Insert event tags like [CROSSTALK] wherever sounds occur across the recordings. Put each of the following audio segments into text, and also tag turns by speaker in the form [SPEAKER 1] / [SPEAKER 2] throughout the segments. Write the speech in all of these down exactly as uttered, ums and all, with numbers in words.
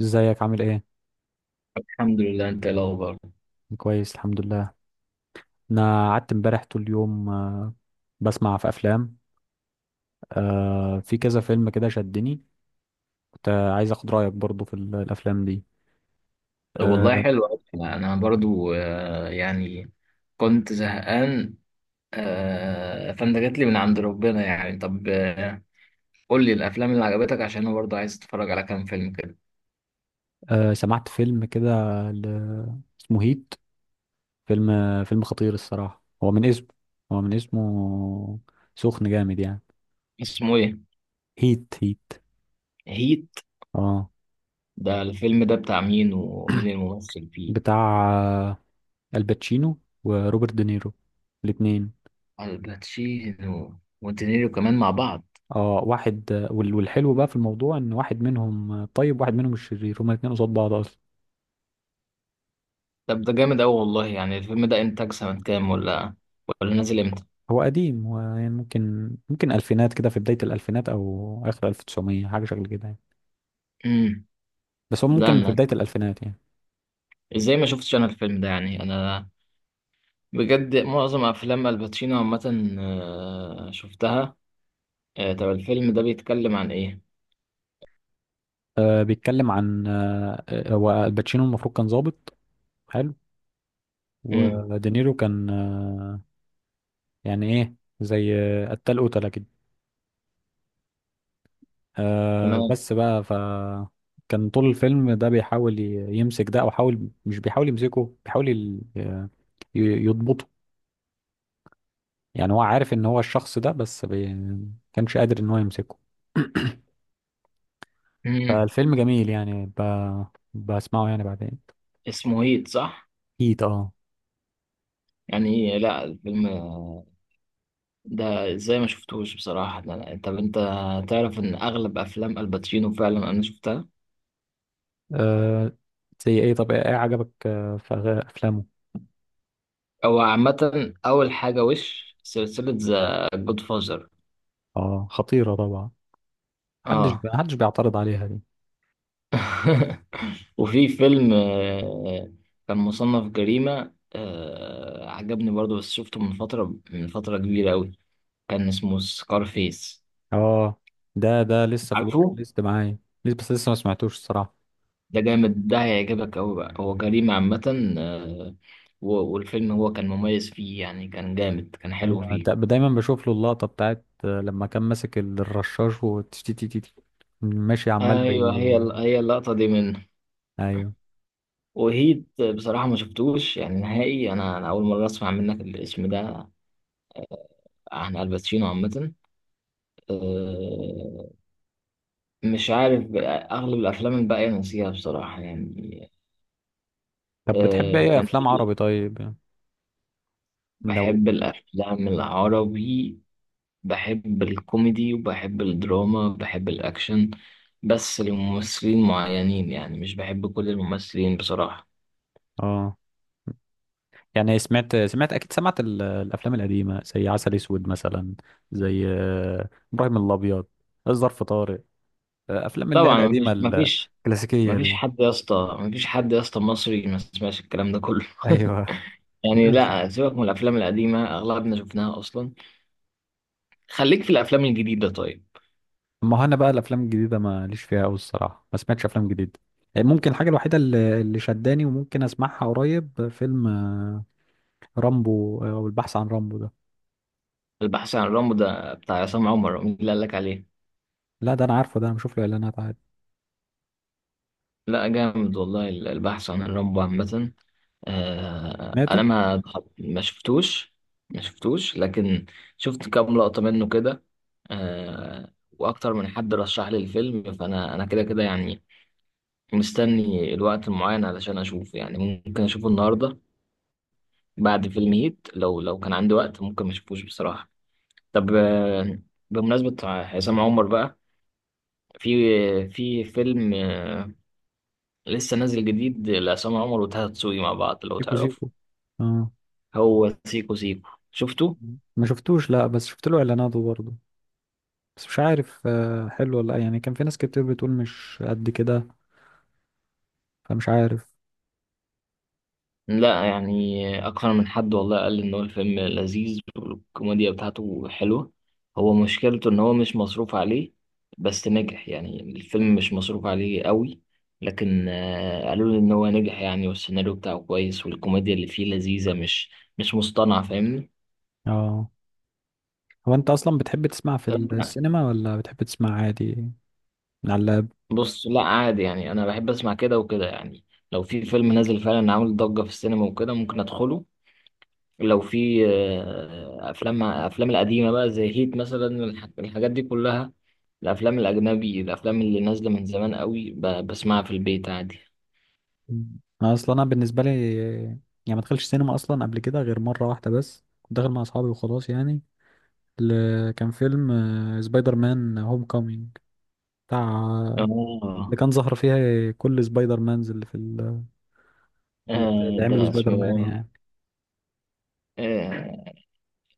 [SPEAKER 1] ازيك عامل ايه؟
[SPEAKER 2] الحمد لله. انت ايه الاخبار؟
[SPEAKER 1] كويس الحمد لله. انا قعدت امبارح طول اليوم، آه، بسمع في افلام. آه، في كذا فيلم كده شدني. كنت آه، عايز اخد رايك برضو في ال- الافلام دي.
[SPEAKER 2] طب والله
[SPEAKER 1] آه،
[SPEAKER 2] حلو أوي. انا برضو آه، يعني كنت زهقان. آه، فانت جات لي من عند ربنا يعني. طب آه، قول لي الافلام اللي عجبتك عشان انا برضو عايز اتفرج على كام فيلم كده.
[SPEAKER 1] آه، سمعت فيلم كده ل- اسمه هيت. فيلم فيلم خطير الصراحه، هو من اسمه، هو من اسمه سخن جامد يعني.
[SPEAKER 2] اسمه ايه؟
[SPEAKER 1] هيت هيت.
[SPEAKER 2] هيت؟
[SPEAKER 1] اه.
[SPEAKER 2] ده الفيلم ده بتاع مين، ومين الممثل فيه؟
[SPEAKER 1] بتاع آه، الباتشينو وروبرت دينيرو، الاتنين.
[SPEAKER 2] الباتشينو ودينيرو كمان مع بعض؟
[SPEAKER 1] اه، واحد وال- والحلو بقى في الموضوع ان واحد منهم طيب واحد منهم الشرير، هما الاتنين قصاد بعض اصلا.
[SPEAKER 2] طب ده جامد قوي والله. يعني الفيلم ده انتاج سنة كام، ولا ولا نازل امتى؟
[SPEAKER 1] هو قديم، هو يعني ممكن ممكن الفينات كده، في بداية الالفينات او اخر ألف وتسعمية، حاجة شكل كده يعني.
[SPEAKER 2] امم
[SPEAKER 1] بس هو
[SPEAKER 2] لا
[SPEAKER 1] ممكن في
[SPEAKER 2] انا
[SPEAKER 1] بداية الالفينات يعني.
[SPEAKER 2] ازاي ما شفتش انا الفيلم ده يعني؟ انا بجد معظم افلام الباتشينو عامه آه، شفتها. آه، طب الفيلم ده بيتكلم عن ايه؟
[SPEAKER 1] آه بيتكلم عن آه آه، هو الباتشينو المفروض كان ظابط. حلو.
[SPEAKER 2] امم
[SPEAKER 1] ودينيرو كان آه يعني ايه، زي آه، قتال قتلة كده. آه
[SPEAKER 2] تمام.
[SPEAKER 1] بس بقى، فكان طول الفيلم ده بيحاول ي- يمسك ده، او حاول، مش بيحاول يمسكه، بيحاول ي- آه، ي- يضبطه. يعني هو عارف ان هو الشخص ده، بس بي... كانش قادر ان هو يمسكه. [CLEARS THROAT]
[SPEAKER 2] امم
[SPEAKER 1] فالفيلم جميل يعني، ب... بسمعه يعني بعدين.
[SPEAKER 2] اسمه هيت صح؟
[SPEAKER 1] اكيد اه.
[SPEAKER 2] يعني لا الفيلم آه، ده، ازاي ما شفتوش بصراحه؟ ده أنا- طب انت تعرف ان اغلب افلام الباتشينو فعلا انا شفتها.
[SPEAKER 1] آه، زي ايه؟ طب ايه، إيه عجبك آه، في أغا- افلامه؟
[SPEAKER 2] هو عامه اول حاجه وش سلسله ذا جود فازر.
[SPEAKER 1] اه خطيرة طبعا، محدش
[SPEAKER 2] اه.
[SPEAKER 1] ب... محدش بيعترض عليها دي.
[SPEAKER 2] [LAUGHS] وفي فيلم آه، كان مصنف جريمة، آه، عجبني برضو بس شفته من فترة، من فترة كبيرة أوي. كان اسمه سكارفيس.
[SPEAKER 1] اه، ده ده لسه في الواتش
[SPEAKER 2] عارفه؟
[SPEAKER 1] ليست معايا. لسه، بس لسه ما سمعتوش الصراحة.
[SPEAKER 2] ده جامد، ده هيعجبك أوي بقى. هو جريمة عامة، آه، و- والفيلم هو كان مميز فيه يعني، كان جامد، كان حلو
[SPEAKER 1] ايوه،
[SPEAKER 2] فيه.
[SPEAKER 1] دا- دايما بشوف له اللقطه بتاعت آه، لما كان ماسك الرشاش وتشتي تي تي تي ماشي عمال بي.
[SPEAKER 2] أيوه، هي ال- هي اللقطة دي منه.
[SPEAKER 1] ايوه.
[SPEAKER 2] وهيت بصراحة ما شفتوش يعني نهائي. أنا أنا أول مرة أسمع منك الاسم ده عن الباتشينو عامة. آه، مش عارف بقى، أغلب الأفلام الباقية نسيها بصراحة يعني.
[SPEAKER 1] طب بتحب
[SPEAKER 2] آه،
[SPEAKER 1] ايه،
[SPEAKER 2] كان
[SPEAKER 1] افلام
[SPEAKER 2] في-
[SPEAKER 1] عربي طيب؟ لو
[SPEAKER 2] بحب الأفلام العربي. بحب الكوميدي، وبحب الدراما، بحب الأكشن، بس لممثلين معينين يعني، مش بحب كل الممثلين بصراحة.
[SPEAKER 1] اه يعني سمعت سمعت اكيد سمعت ال- الافلام القديمه زي عسل اسود مثلا، زي آه، ابراهيم الابيض، الظرف طارق، آه، افلام اللي هي
[SPEAKER 2] طبعا
[SPEAKER 1] القديمه،
[SPEAKER 2] مفيش مفيش
[SPEAKER 1] الكلاسيكيه
[SPEAKER 2] مفيش
[SPEAKER 1] دي.
[SPEAKER 2] حد يا اسطى، مفيش حد يا اسطى مصري ما سمعش الكلام ده كله. [LAUGHS]
[SPEAKER 1] ايوه.
[SPEAKER 2] يعني
[SPEAKER 1] [LAUGHS] بس.
[SPEAKER 2] لا، سيبك من الأفلام القديمة أغلبنا شفناها أصلا. خليك في الأفلام الجديدة طيب.
[SPEAKER 1] ما هو انا بقى الافلام الجديده ما ليش فيها قوي الصراحه، ما سمعتش افلام جديده. ممكن الحاجه الوحيده اللي اللي شداني وممكن اسمعها قريب فيلم رامبو، آه، او البحث عن رامبو ده.
[SPEAKER 2] البحث عن رامبو ده بتاع عصام عمر؟ مين اللي قال لك عليه؟
[SPEAKER 1] لا، ده انا عارفه ده، انا بشوف له اعلانات عادي.
[SPEAKER 2] لا جامد والله البحث عن رامبو عامة. آه أنا
[SPEAKER 1] سمعته.
[SPEAKER 2] ما ما شفتوش، ما شفتوش، لكن شفت كام لقطة منه كده. آه، وأكتر من حد رشح لي الفيلم، فأنا أنا كده كده يعني مستني الوقت المعين علشان أشوفه يعني. ممكن أشوفه النهاردة بعد فيلم هيت. لو لو كان عندي وقت، ممكن ما أشوفوش بصراحة. طب آه بمناسبة عصام عمر بقى، في في فيلم لسه نازل جديد لعصام عمر وطه دسوقي مع بعض، لو
[SPEAKER 1] سيكو
[SPEAKER 2] تعرفه.
[SPEAKER 1] سيكو. اه،
[SPEAKER 2] هو سيكو سيكو، شفته؟
[SPEAKER 1] ما شفتوش، لا، بس شفت له اعلاناته برضه. بس مش عارف آه، حلو ولا لأ. يعني كان في ناس كتير بتقول مش قد كده، فمش عارف.
[SPEAKER 2] لا يعني أكثر من حد والله قال إن هو الفيلم لذيذ والكوميديا بتاعته حلوة. هو مشكلته إن هو مش مصروف عليه. بس نجح يعني، الفيلم مش مصروف عليه قوي، لكن آه، قالوا لي إن هو نجح يعني، والسيناريو بتاعه كويس، والكوميديا اللي فيه لذيذة، مش مش مصطنعة، فاهمني؟
[SPEAKER 1] اه، هو انت اصلا بتحب تسمع في
[SPEAKER 2] انت؟
[SPEAKER 1] السينما ولا بتحب تسمع عادي؟ من على.
[SPEAKER 2] بص لا عادي، يعني انا بحب اسمع كده وكده يعني. لو في فيلم نازل فعلا عامل ضجة في السينما وكده ممكن ادخله. لو في آه، افلام افلام القديمة بقى زي هيت مثلا، الح- الحاجات دي كلها، الافلام الاجنبي، الافلام اللي نازلة من زمان قوي، ب- بسمعها في البيت عادي.
[SPEAKER 1] مم. اصلا انا بالنسبه لي، يعني ما دخلش سينما اصلا قبل كده غير مره واحده، بس كنت داخل مع اصحابي وخلاص يعني. ل- كان فيلم آه، سبايدر مان هوم كومينج، بتاع اللي
[SPEAKER 2] اه.
[SPEAKER 1] كان ظهر فيها كل سبايدر مانز اللي في ال-
[SPEAKER 2] آه،
[SPEAKER 1] اللي عملوا
[SPEAKER 2] ده
[SPEAKER 1] سبايدر مان
[SPEAKER 2] اسمه
[SPEAKER 1] يعني.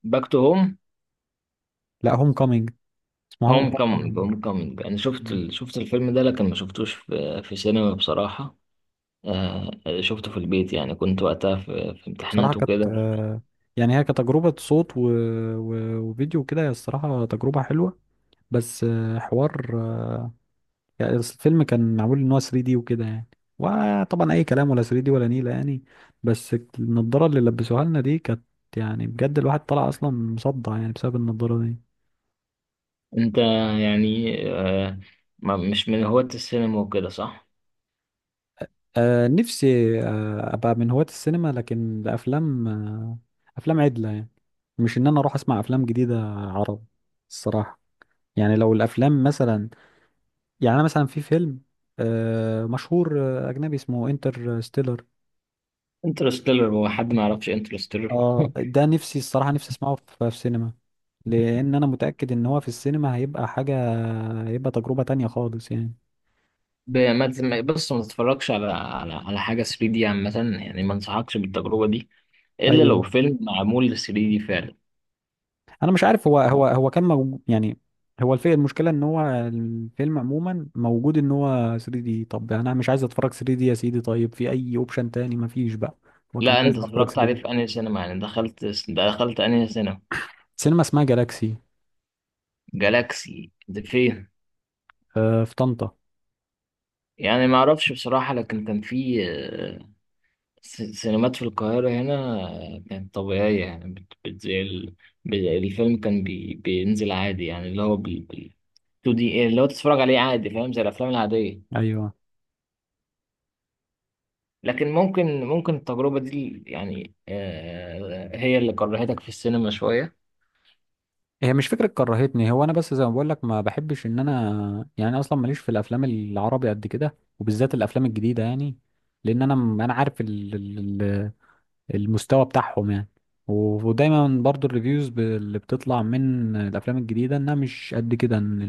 [SPEAKER 2] باك تو هوم.
[SPEAKER 1] لا، هوم كومينج، اسمه هوم
[SPEAKER 2] هوم كامينج،
[SPEAKER 1] كومينج.
[SPEAKER 2] هوم كامينج. انا شفت ال- شفت الفيلم ده، لكن ما شفتوش في في سينما بصراحة. آه، شفته في البيت يعني، كنت وقتها في، في
[SPEAKER 1] بصراحه
[SPEAKER 2] امتحانات
[SPEAKER 1] كانت
[SPEAKER 2] وكده.
[SPEAKER 1] آه، يعني هي كتجربه صوت و... و... وفيديو كده، هي الصراحه تجربه حلوه. بس آه، حوار يعني، بس الفيلم كان معمول ان هو ثري دي وكده يعني، وطبعا اي كلام ولا ثري دي ولا نيله يعني. بس النضاره اللي لبسوها لنا دي كانت يعني بجد الواحد طلع اصلا مصدع يعني بسبب النضاره دي.
[SPEAKER 2] انت يعني آه، ما مش من هواة السينما وكده صح؟
[SPEAKER 1] آه نفسي آه ابقى من هواة السينما، لكن لافلام آه افلام عدله يعني. مش ان انا اروح اسمع افلام جديده عرب الصراحه. يعني لو الافلام مثلا، يعني انا مثلا، في فيلم آه مشهور آه، اجنبي اسمه انترستيلر.
[SPEAKER 2] انترستيلر؟ هو حد ما يعرفش انترستيلر.
[SPEAKER 1] اه، ده نفسي الصراحة، نفسي اسمعه في في سينما، لان انا متأكد ان هو في السينما هيبقى حاجة، هيبقى تجربة تانية خالص يعني.
[SPEAKER 2] [LAUGHS] ب- ما تسمع- بص ما تتفرجش على على على حاجة ثري دي عامة، يعني ما انصحكش بالتجربة دي، الا لو
[SPEAKER 1] ايوه،
[SPEAKER 2] فيلم معمول لل ثري دي فعلا.
[SPEAKER 1] انا مش عارف، هو هو هو كان موجود يعني. هو الفيلم، المشكلة ان هو الفيلم عموما موجود ان هو ثري دي. طب انا مش عايز اتفرج ثري دي يا سيدي، طيب في اي اوبشن تاني؟ مفيش بقى. هو كان
[SPEAKER 2] لا انت
[SPEAKER 1] لازم اتفرج
[SPEAKER 2] اتفرجت عليه
[SPEAKER 1] ثري دي.
[SPEAKER 2] في انهي سينما؟ يعني دخلت دخلت انهي سينما؟
[SPEAKER 1] سينما اسمها جالاكسي.
[SPEAKER 2] جالاكسي ده فين؟
[SPEAKER 1] آه، في طنطا.
[SPEAKER 2] يعني ما اعرفش بصراحة. لكن كان في آه، س- سينمات في القاهرة هنا كانت طبيعية يعني، بت... بت... زي ال... ب- الفيلم كان بي... بينزل عادي يعني اللي هو بال... بال... تو دي اللي هو تتفرج عليه عادي، فاهم؟ زي الأفلام العادية.
[SPEAKER 1] ايوه،
[SPEAKER 2] لكن ممكن، ممكن التجربة دي يعني آه... هي اللي كرهتك في السينما شوية.
[SPEAKER 1] هي مش فكرة كرهتني، هو انا بس زي ما بقول لك ما بحبش ان انا، يعني اصلا ماليش في الافلام العربي قد كده، وبالذات الافلام الجديدة يعني. لان انا، انا عارف ال- ال- ال- المستوى بتاعهم يعني. و- ودايما برضو الريفيوز ب- اللي بتطلع من الافلام الجديدة انها مش قد كده، ان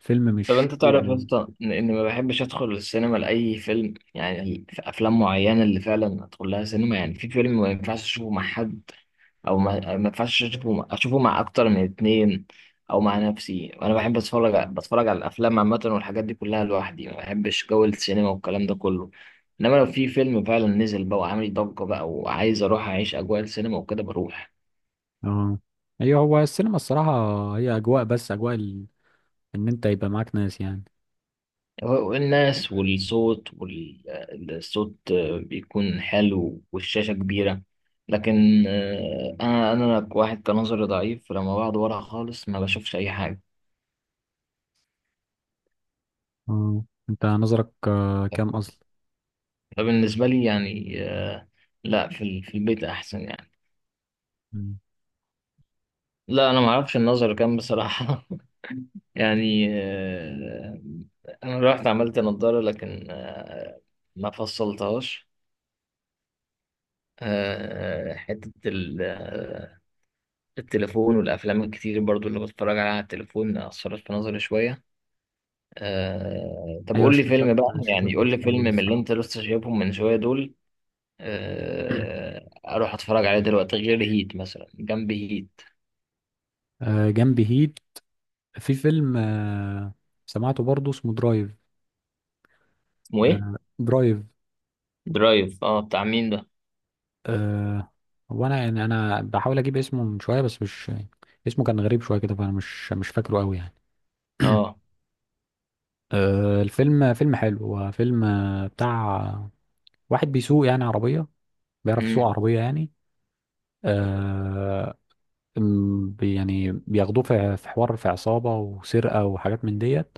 [SPEAKER 1] الفيلم
[SPEAKER 2] طب
[SPEAKER 1] مش
[SPEAKER 2] أنت
[SPEAKER 1] حلو
[SPEAKER 2] تعرف يا
[SPEAKER 1] أوي.
[SPEAKER 2] اسطى إن، إن ما بحبش أدخل السينما لأي فيلم. يعني في أفلام معينة اللي فعلا أدخل لها سينما. يعني في فيلم ما ينفعش أشوفه مع حد، او ما, ما ينفعش اشوفه مع- اشوفه مع اكتر من اتنين، او مع نفسي. وانا بحب اتفرج ع- بتفرج على الافلام عامه والحاجات دي كلها لوحدي. ما بحبش جو السينما والكلام ده كله. انما لو في فيلم فعلا نزل بقى وعامل ضجه بقى وعايز اروح اعيش اجواء السينما وكده، بروح.
[SPEAKER 1] اه. ايوه، هو السينما الصراحة هي اجواء، بس اجواء ال. ان انت يبقى معاك ناس يعني.
[SPEAKER 2] والناس والصوت والصوت بيكون حلو، والشاشه كبيره، لكن آه، انا، انا واحد كنظري ضعيف، فلما بقعد ورا خالص ما بشوفش اي حاجه.
[SPEAKER 1] اه، انت نظرك آه، كام اصلا؟
[SPEAKER 2] بالنسبة لي يعني آه، لا في ال- في البيت أحسن يعني.
[SPEAKER 1] مم.
[SPEAKER 2] لا أنا ما أعرفش النظر كام بصراحة. [LAUGHS] يعني آه، أنا رحت عملت نضارة، لكن آه، ما فصلتهاش. آه، آه، حتة ال- آه، التليفون والأفلام الكتير برضو اللي بتفرج عليها على التليفون أثرت في نظري شوية. آه، طب
[SPEAKER 1] ايوه،
[SPEAKER 2] قول لي
[SPEAKER 1] الشاشات
[SPEAKER 2] فيلم بقى،
[SPEAKER 1] الشاشات
[SPEAKER 2] يعني قول
[SPEAKER 1] مش
[SPEAKER 2] لي فيلم
[SPEAKER 1] حلوة
[SPEAKER 2] من اللي
[SPEAKER 1] الصراحة.
[SPEAKER 2] أنت لسه شايفهم من شوية دول، آه، أروح أتفرج عليه دلوقتي غير هيت مثلا، جنب هيت.
[SPEAKER 1] آه، جنب هيت في فيلم آه، سمعته برضه، اسمه درايف.
[SPEAKER 2] اسمه إيه؟
[SPEAKER 1] آه، درايف.
[SPEAKER 2] درايف. اه بتاع مين ده؟
[SPEAKER 1] آه، هو انا يعني، انا بحاول اجيب اسمه من شويه بس مش. اسمه كان غريب شويه كده، فانا مش مش فاكره قوي يعني.
[SPEAKER 2] اه.
[SPEAKER 1] آه، الفيلم فيلم حلو، هو فيلم آه، بتاع واحد بيسوق يعني عربيه، بيعرف يسوق
[SPEAKER 2] امم
[SPEAKER 1] عربيه يعني. آه، م- بي- يعني بياخدوه في في حوار، في عصابه وسرقه وحاجات من ديت.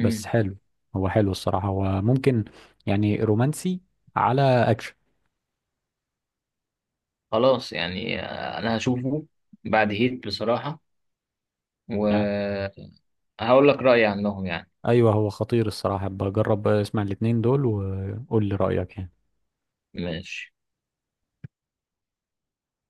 [SPEAKER 1] بس حلو، هو حلو الصراحة، هو ممكن يعني رومانسي على أكشن.
[SPEAKER 2] خلاص، يعني آه، انا هشوفه بعد هيت بصراحة،
[SPEAKER 1] يعني
[SPEAKER 2] وهقول لك رأيي عنهم يعني.
[SPEAKER 1] أيوه، هو خطير الصراحة، بجرب اسمع الاتنين دول وقول لي رأيك يعني
[SPEAKER 2] ماشي.